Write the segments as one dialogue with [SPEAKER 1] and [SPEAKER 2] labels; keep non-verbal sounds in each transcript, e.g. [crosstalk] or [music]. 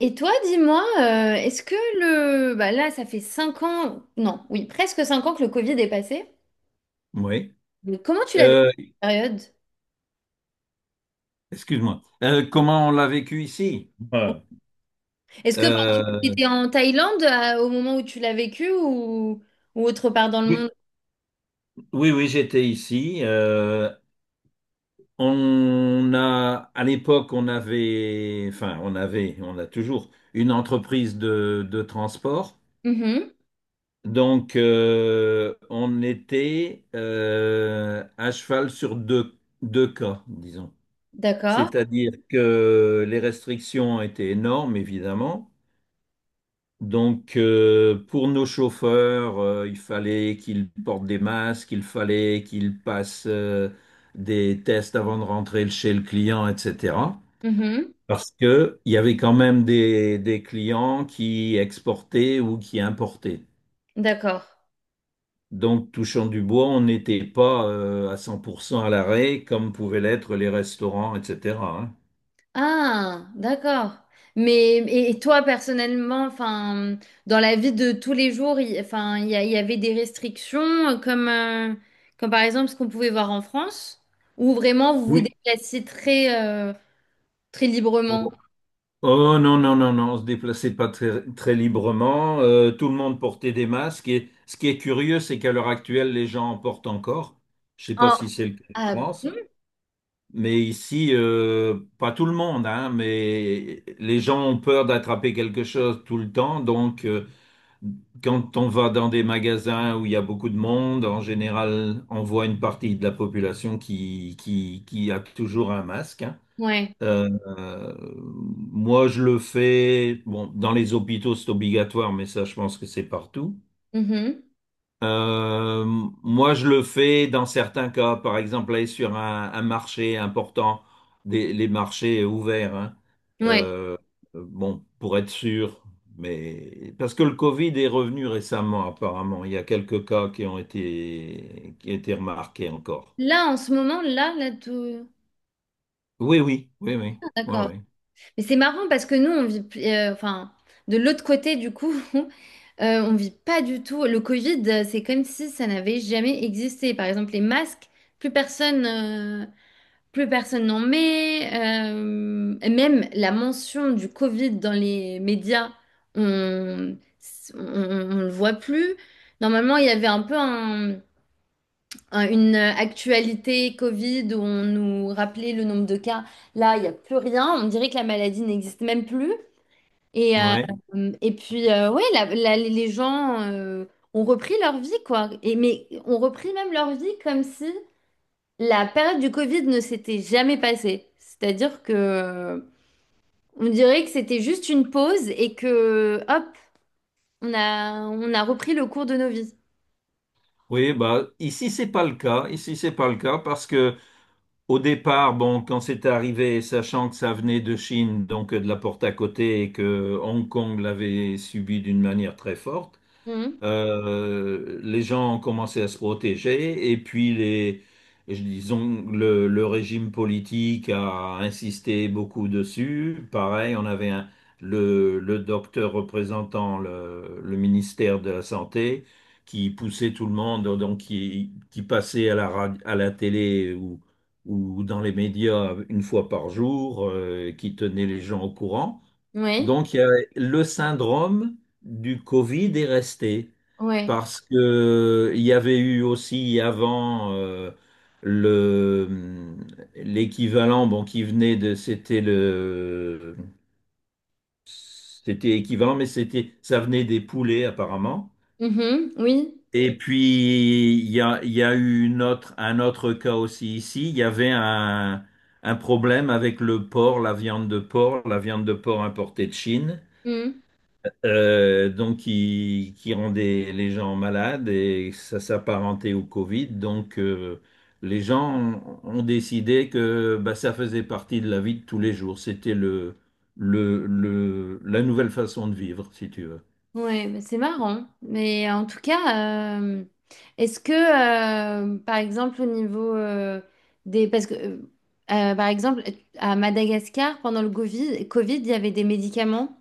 [SPEAKER 1] Et toi, dis-moi, est-ce que Bah là, ça fait 5 ans, non, oui, presque 5 ans que le Covid est passé.
[SPEAKER 2] Oui.
[SPEAKER 1] Mais comment tu l'as vécu
[SPEAKER 2] Euh,
[SPEAKER 1] cette période?
[SPEAKER 2] Excuse-moi. Comment on l'a vécu ici? Ouais.
[SPEAKER 1] Tu
[SPEAKER 2] Euh,
[SPEAKER 1] étais en Thaïlande au moment où tu l'as vécu ou autre part dans le
[SPEAKER 2] oui,
[SPEAKER 1] monde?
[SPEAKER 2] oui, oui, j'étais ici. À l'époque, on avait, enfin, on a toujours une entreprise de transport.
[SPEAKER 1] Mhm,
[SPEAKER 2] Donc, on était à cheval sur deux cas, disons.
[SPEAKER 1] d'accord.
[SPEAKER 2] C'est-à-dire que les restrictions étaient énormes, évidemment. Donc, pour nos chauffeurs, il fallait qu'ils portent des masques, il fallait qu'ils passent des tests avant de rentrer chez le client, etc.
[SPEAKER 1] Mhm,
[SPEAKER 2] Parce que il y avait quand même des clients qui exportaient ou qui importaient.
[SPEAKER 1] d'accord.
[SPEAKER 2] Donc, touchant du bois, on n'était pas à 100% à l'arrêt comme pouvaient l'être les restaurants, etc., hein.
[SPEAKER 1] Ah, d'accord. Mais et toi personnellement, dans la vie de tous les jours, il y avait des restrictions euh, comme, euh, comme par exemple ce qu'on pouvait voir en France, où vraiment vous vous
[SPEAKER 2] Oui.
[SPEAKER 1] déplaciez très librement.
[SPEAKER 2] Oh, non, non, non, non, on se déplaçait pas très, très librement. Tout le monde portait des masques. Et ce qui est curieux, c'est qu'à l'heure actuelle, les gens en portent encore. Je sais pas
[SPEAKER 1] Ah,
[SPEAKER 2] si c'est le cas en
[SPEAKER 1] ah
[SPEAKER 2] France,
[SPEAKER 1] bon?
[SPEAKER 2] mais ici, pas tout le monde, hein, mais les gens ont peur d'attraper quelque chose tout le temps. Donc, quand on va dans des magasins où il y a beaucoup de monde, en général, on voit une partie de la population qui a toujours un masque, hein.
[SPEAKER 1] Ouais.
[SPEAKER 2] Euh, euh, Moi, je le fais. Bon, dans les hôpitaux, c'est obligatoire, mais ça, je pense que c'est partout.
[SPEAKER 1] Mhm.
[SPEAKER 2] Euh, Moi, je le fais dans certains cas. Par exemple, aller sur un marché important, les marchés ouverts, hein.
[SPEAKER 1] Ouais.
[SPEAKER 2] Euh, bon, pour être sûr. Mais parce que le Covid est revenu récemment, apparemment. Il y a quelques cas qui ont été remarqués encore.
[SPEAKER 1] Là, en ce moment, tout.
[SPEAKER 2] Oui, oui, oui, oui,
[SPEAKER 1] Ah,
[SPEAKER 2] oui,
[SPEAKER 1] d'accord.
[SPEAKER 2] oui.
[SPEAKER 1] Mais c'est marrant parce que nous, de l'autre côté, du coup, [laughs] on vit pas du tout. Le Covid, c'est comme si ça n'avait jamais existé. Par exemple, les masques, plus personne, euh, plus personne n'en met. Et même la mention du Covid dans les médias, on, on le voit plus. Normalement, il y avait un peu une actualité Covid où on nous rappelait le nombre de cas. Là, il n'y a plus rien. On dirait que la maladie n'existe même plus. Et, euh,
[SPEAKER 2] Ouais.
[SPEAKER 1] et puis, ouais, les gens ont repris leur vie, quoi. Et, mais ont repris même leur vie comme si la période du Covid ne s'était jamais passée. C'est-à-dire que On dirait que c'était juste une pause et que, hop, on a repris le cours de nos vies.
[SPEAKER 2] Oui, bah ici c'est pas le cas. Ici c'est pas le cas parce que au départ, bon, quand c'est arrivé, sachant que ça venait de Chine, donc de la porte à côté, et que Hong Kong l'avait subi d'une manière très forte,
[SPEAKER 1] Mhm.
[SPEAKER 2] les gens ont commencé à se protéger. Et puis disons, le régime politique a insisté beaucoup dessus. Pareil, on avait le docteur représentant le ministère de la Santé qui poussait tout le monde, donc qui passait à la télé ou dans les médias une fois par jour, qui tenait les gens au courant.
[SPEAKER 1] Oui,
[SPEAKER 2] Donc, il y a le syndrome du Covid est resté
[SPEAKER 1] ouais.
[SPEAKER 2] parce que il y avait eu aussi avant, le l'équivalent, bon, qui venait de, c'était le, c'était équivalent, mais c'était, ça venait des poulets, apparemment.
[SPEAKER 1] Mhm. Oui.
[SPEAKER 2] Et puis il y a eu un autre cas aussi ici. Il y avait un problème avec le porc, la viande de porc importée de Chine.
[SPEAKER 1] Mmh.
[SPEAKER 2] Donc qui rendait les gens malades et ça s'apparentait au Covid. Donc, les gens ont décidé que bah, ça faisait partie de la vie de tous les jours. C'était la nouvelle façon de vivre, si tu veux.
[SPEAKER 1] Ouais, bah, c'est marrant. Mais en tout cas, est-ce que, par exemple, au niveau des... Parce que, euh, par exemple, à Madagascar, pendant le Covid, il y avait des médicaments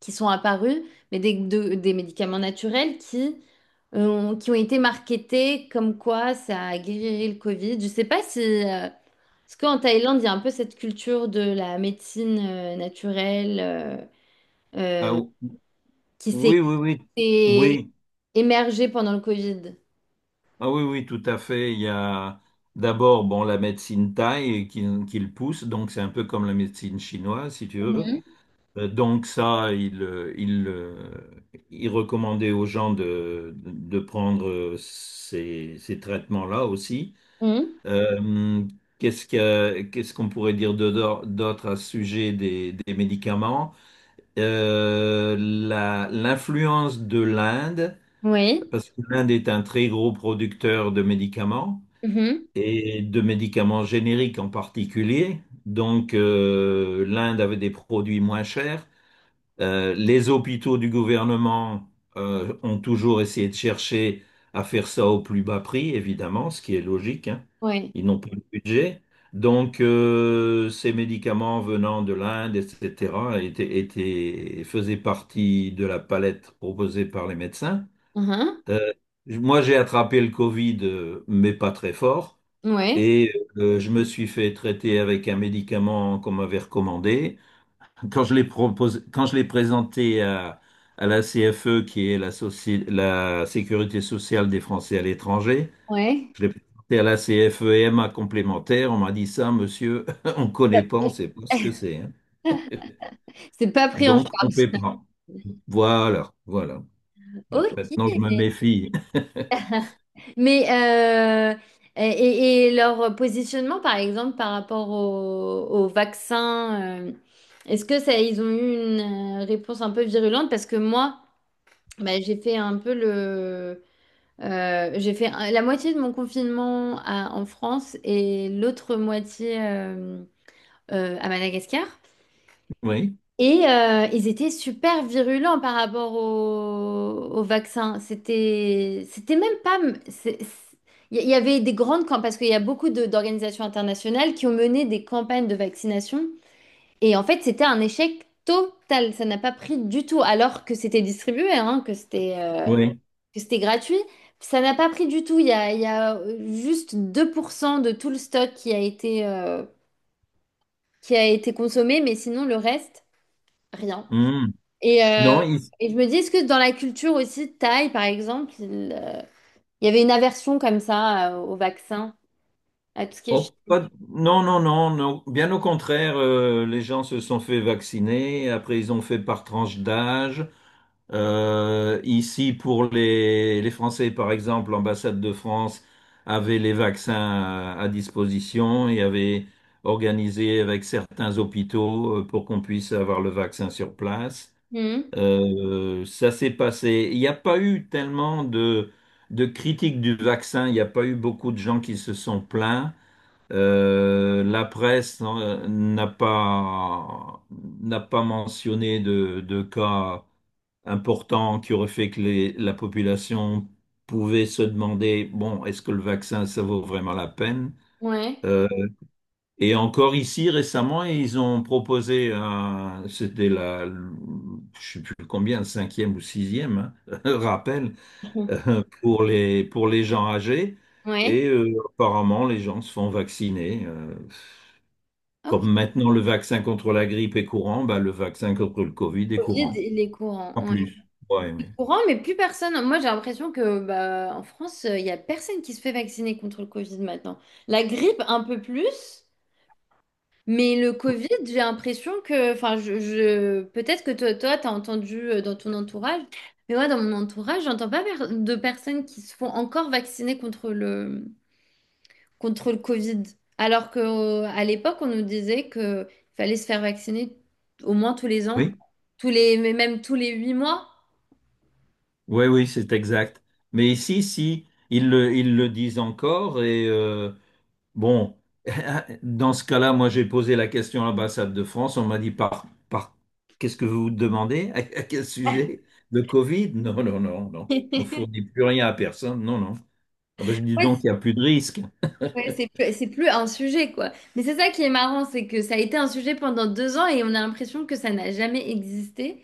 [SPEAKER 1] qui sont apparus, mais des médicaments naturels qui ont été marketés comme quoi ça guérirait le Covid. Je sais pas si... parce qu'en Thaïlande, il y a un peu cette culture de la médecine naturelle
[SPEAKER 2] Ah,
[SPEAKER 1] euh, qui s'est
[SPEAKER 2] oui, oui, oui, oui,
[SPEAKER 1] émergé pendant le Covid.
[SPEAKER 2] ah oui, oui, tout à fait. Il y a d'abord, bon, la médecine thaï qui le pousse, donc c'est un peu comme la médecine chinoise, si tu veux.
[SPEAKER 1] Mhm.
[SPEAKER 2] Donc ça, il recommandait aux gens de prendre ces traitements-là aussi.
[SPEAKER 1] Mhm.
[SPEAKER 2] Euh, Qu'est-ce qu'on pourrait dire d'autre à ce sujet des médicaments? L'influence de l'Inde,
[SPEAKER 1] Oui.
[SPEAKER 2] parce que l'Inde est un très gros producteur de médicaments
[SPEAKER 1] Mhm.
[SPEAKER 2] et de médicaments génériques en particulier. Donc, l'Inde avait des produits moins chers. Les hôpitaux du gouvernement ont toujours essayé de chercher à faire ça au plus bas prix, évidemment, ce qui est logique, hein.
[SPEAKER 1] Oui.
[SPEAKER 2] Ils n'ont pas de budget. Donc, ces médicaments venant de l'Inde, etc., faisaient partie de la palette proposée par les médecins.
[SPEAKER 1] Mhm.
[SPEAKER 2] Euh, Moi, j'ai attrapé le Covid, mais pas très fort.
[SPEAKER 1] Oui.
[SPEAKER 2] Et je me suis fait traiter avec un médicament qu'on m'avait recommandé. Quand je l'ai présenté à la CFE, qui est la Sécurité sociale des Français à l'étranger,
[SPEAKER 1] Oui.
[SPEAKER 2] je l'ai présenté à la CFE-MA complémentaire, on m'a dit, ça, monsieur, [laughs] on ne connaît pas, on ne sait pas ce que
[SPEAKER 1] [laughs]
[SPEAKER 2] c'est, hein.
[SPEAKER 1] C'est pas pris en
[SPEAKER 2] Donc, on ne
[SPEAKER 1] charge.
[SPEAKER 2] paie
[SPEAKER 1] [laughs]
[SPEAKER 2] pas. Voilà, voilà. Donc
[SPEAKER 1] Ok.
[SPEAKER 2] maintenant, je me méfie. [laughs]
[SPEAKER 1] Mais et leur positionnement, par exemple, par rapport au vaccin, est-ce que ça, ils ont eu une réponse un peu virulente? Parce que moi, bah, j'ai fait un peu le, j'ai fait un- la moitié de mon confinement en France et l'autre moitié. À Madagascar.
[SPEAKER 2] Oui,
[SPEAKER 1] Et ils étaient super virulents par rapport au vaccin. C'était même pas. c'est- c'est- il y avait des grandes campagnes, parce qu'il y a beaucoup d'organisations internationales qui ont mené des campagnes de vaccination. Et en fait, c'était un échec total. Ça n'a pas pris du tout, alors que c'était distribué, hein,
[SPEAKER 2] oui.
[SPEAKER 1] que c'était gratuit. Ça n'a pas pris du tout. Il y a juste 2% de tout le stock qui a été consommé, mais sinon, le reste, rien.
[SPEAKER 2] Hmm.
[SPEAKER 1] Et, euh,
[SPEAKER 2] Non.
[SPEAKER 1] et je me dis, est-ce que dans la culture aussi, Thaï, par exemple, il y avait une aversion comme ça au vaccin, à tout ce qui est... chi-
[SPEAKER 2] Oh, non, non, non, non. Bien au contraire, les gens se sont fait vacciner. Après, ils ont fait par tranche d'âge. Ici, pour les Français, par exemple, l'ambassade de France avait les vaccins à disposition et avait organisé avec certains hôpitaux pour qu'on puisse avoir le vaccin sur place.
[SPEAKER 1] Mhm.
[SPEAKER 2] Ça s'est passé. Il n'y a pas eu tellement de critiques du vaccin. Il n'y a pas eu beaucoup de gens qui se sont plaints. La presse n'a pas mentionné de cas importants qui auraient fait que la population pouvait se demander, bon, est-ce que le vaccin, ça vaut vraiment la peine?
[SPEAKER 1] Ouais.
[SPEAKER 2] Euh, et encore ici, récemment, ils ont proposé, c'était la, je sais plus combien, cinquième ou sixième, hein, [laughs] rappel,
[SPEAKER 1] [laughs] Mhm.
[SPEAKER 2] pour les gens âgés.
[SPEAKER 1] Ouais.
[SPEAKER 2] Et apparemment, les gens se font vacciner.
[SPEAKER 1] Ok.
[SPEAKER 2] Comme maintenant le vaccin contre la grippe est courant, bah, le vaccin contre le Covid est
[SPEAKER 1] Covid,
[SPEAKER 2] courant.
[SPEAKER 1] il est courant.
[SPEAKER 2] Pas
[SPEAKER 1] Ouais.
[SPEAKER 2] plus. Ouais,
[SPEAKER 1] Il
[SPEAKER 2] mais-
[SPEAKER 1] est courant, mais plus personne. Moi, j'ai l'impression que bah, en France, il y a personne qui se fait vacciner contre le Covid maintenant. La grippe, un peu plus. Mais le Covid, j'ai l'impression que, peut-être que t'as entendu dans ton entourage, mais moi, dans mon entourage, j'entends pas per- de personnes qui se font encore vacciner contre contre le Covid. Alors que, à l'époque, on nous disait que il fallait se faire vacciner au moins tous les ans,
[SPEAKER 2] Oui,
[SPEAKER 1] tous les, mais même tous les 8 mois.
[SPEAKER 2] oui, oui, c'est exact. Mais ici, si, ils le disent encore. Et bon, [laughs] dans ce cas-là, moi, j'ai posé la question à l'ambassade de France. On m'a dit qu'est-ce que vous demandez? [laughs] À quel sujet? Le Covid? Non, non, non, non. On
[SPEAKER 1] [laughs]
[SPEAKER 2] fournit plus rien à personne. Non, non. Ah ben, je dis
[SPEAKER 1] Ouais,
[SPEAKER 2] donc, il n'y a plus de risque.
[SPEAKER 1] ouais, c'est plus un sujet, quoi. Mais c'est ça qui est marrant, c'est que ça a été un sujet pendant 2 ans et on a l'impression que ça n'a jamais existé.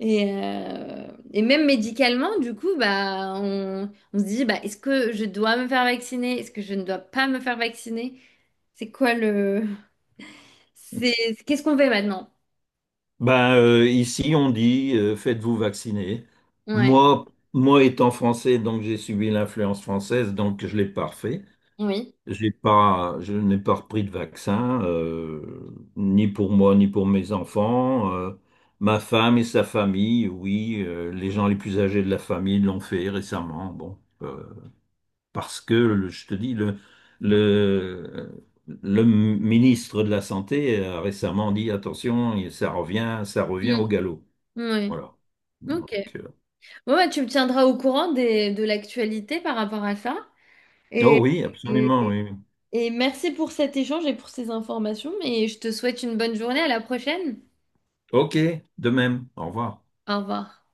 [SPEAKER 1] Et, euh, et même médicalement, du coup, bah, on se dit, bah, est-ce que je dois me faire vacciner? Est-ce que je ne dois pas me faire vacciner? C'est quoi le... C'est, qu'est-ce qu'on fait maintenant?
[SPEAKER 2] Ben, ici, on dit faites-vous vacciner.
[SPEAKER 1] Ouais,
[SPEAKER 2] Moi, moi, étant français, donc j'ai subi l'influence française, donc je l'ai pas refait.
[SPEAKER 1] oui.
[SPEAKER 2] J'ai pas, Je n'ai pas repris de vaccin, ni pour moi, ni pour mes enfants. Ma femme et sa famille, oui, les gens les plus âgés de la famille l'ont fait récemment. Bon, parce que je te dis, le, le ministre de la Santé a récemment dit, attention, ça revient
[SPEAKER 1] Mm.
[SPEAKER 2] au galop.
[SPEAKER 1] Oui.
[SPEAKER 2] Voilà.
[SPEAKER 1] Ok.
[SPEAKER 2] Donc,
[SPEAKER 1] Bon, bah, tu me tiendras au courant des, de l'actualité par rapport à ça.
[SPEAKER 2] oh
[SPEAKER 1] Et,
[SPEAKER 2] oui, absolument, oui, oui.
[SPEAKER 1] Et merci pour cet échange et pour ces informations, et je te souhaite une bonne journée, à la prochaine.
[SPEAKER 2] OK, de même. Au revoir.
[SPEAKER 1] Au revoir.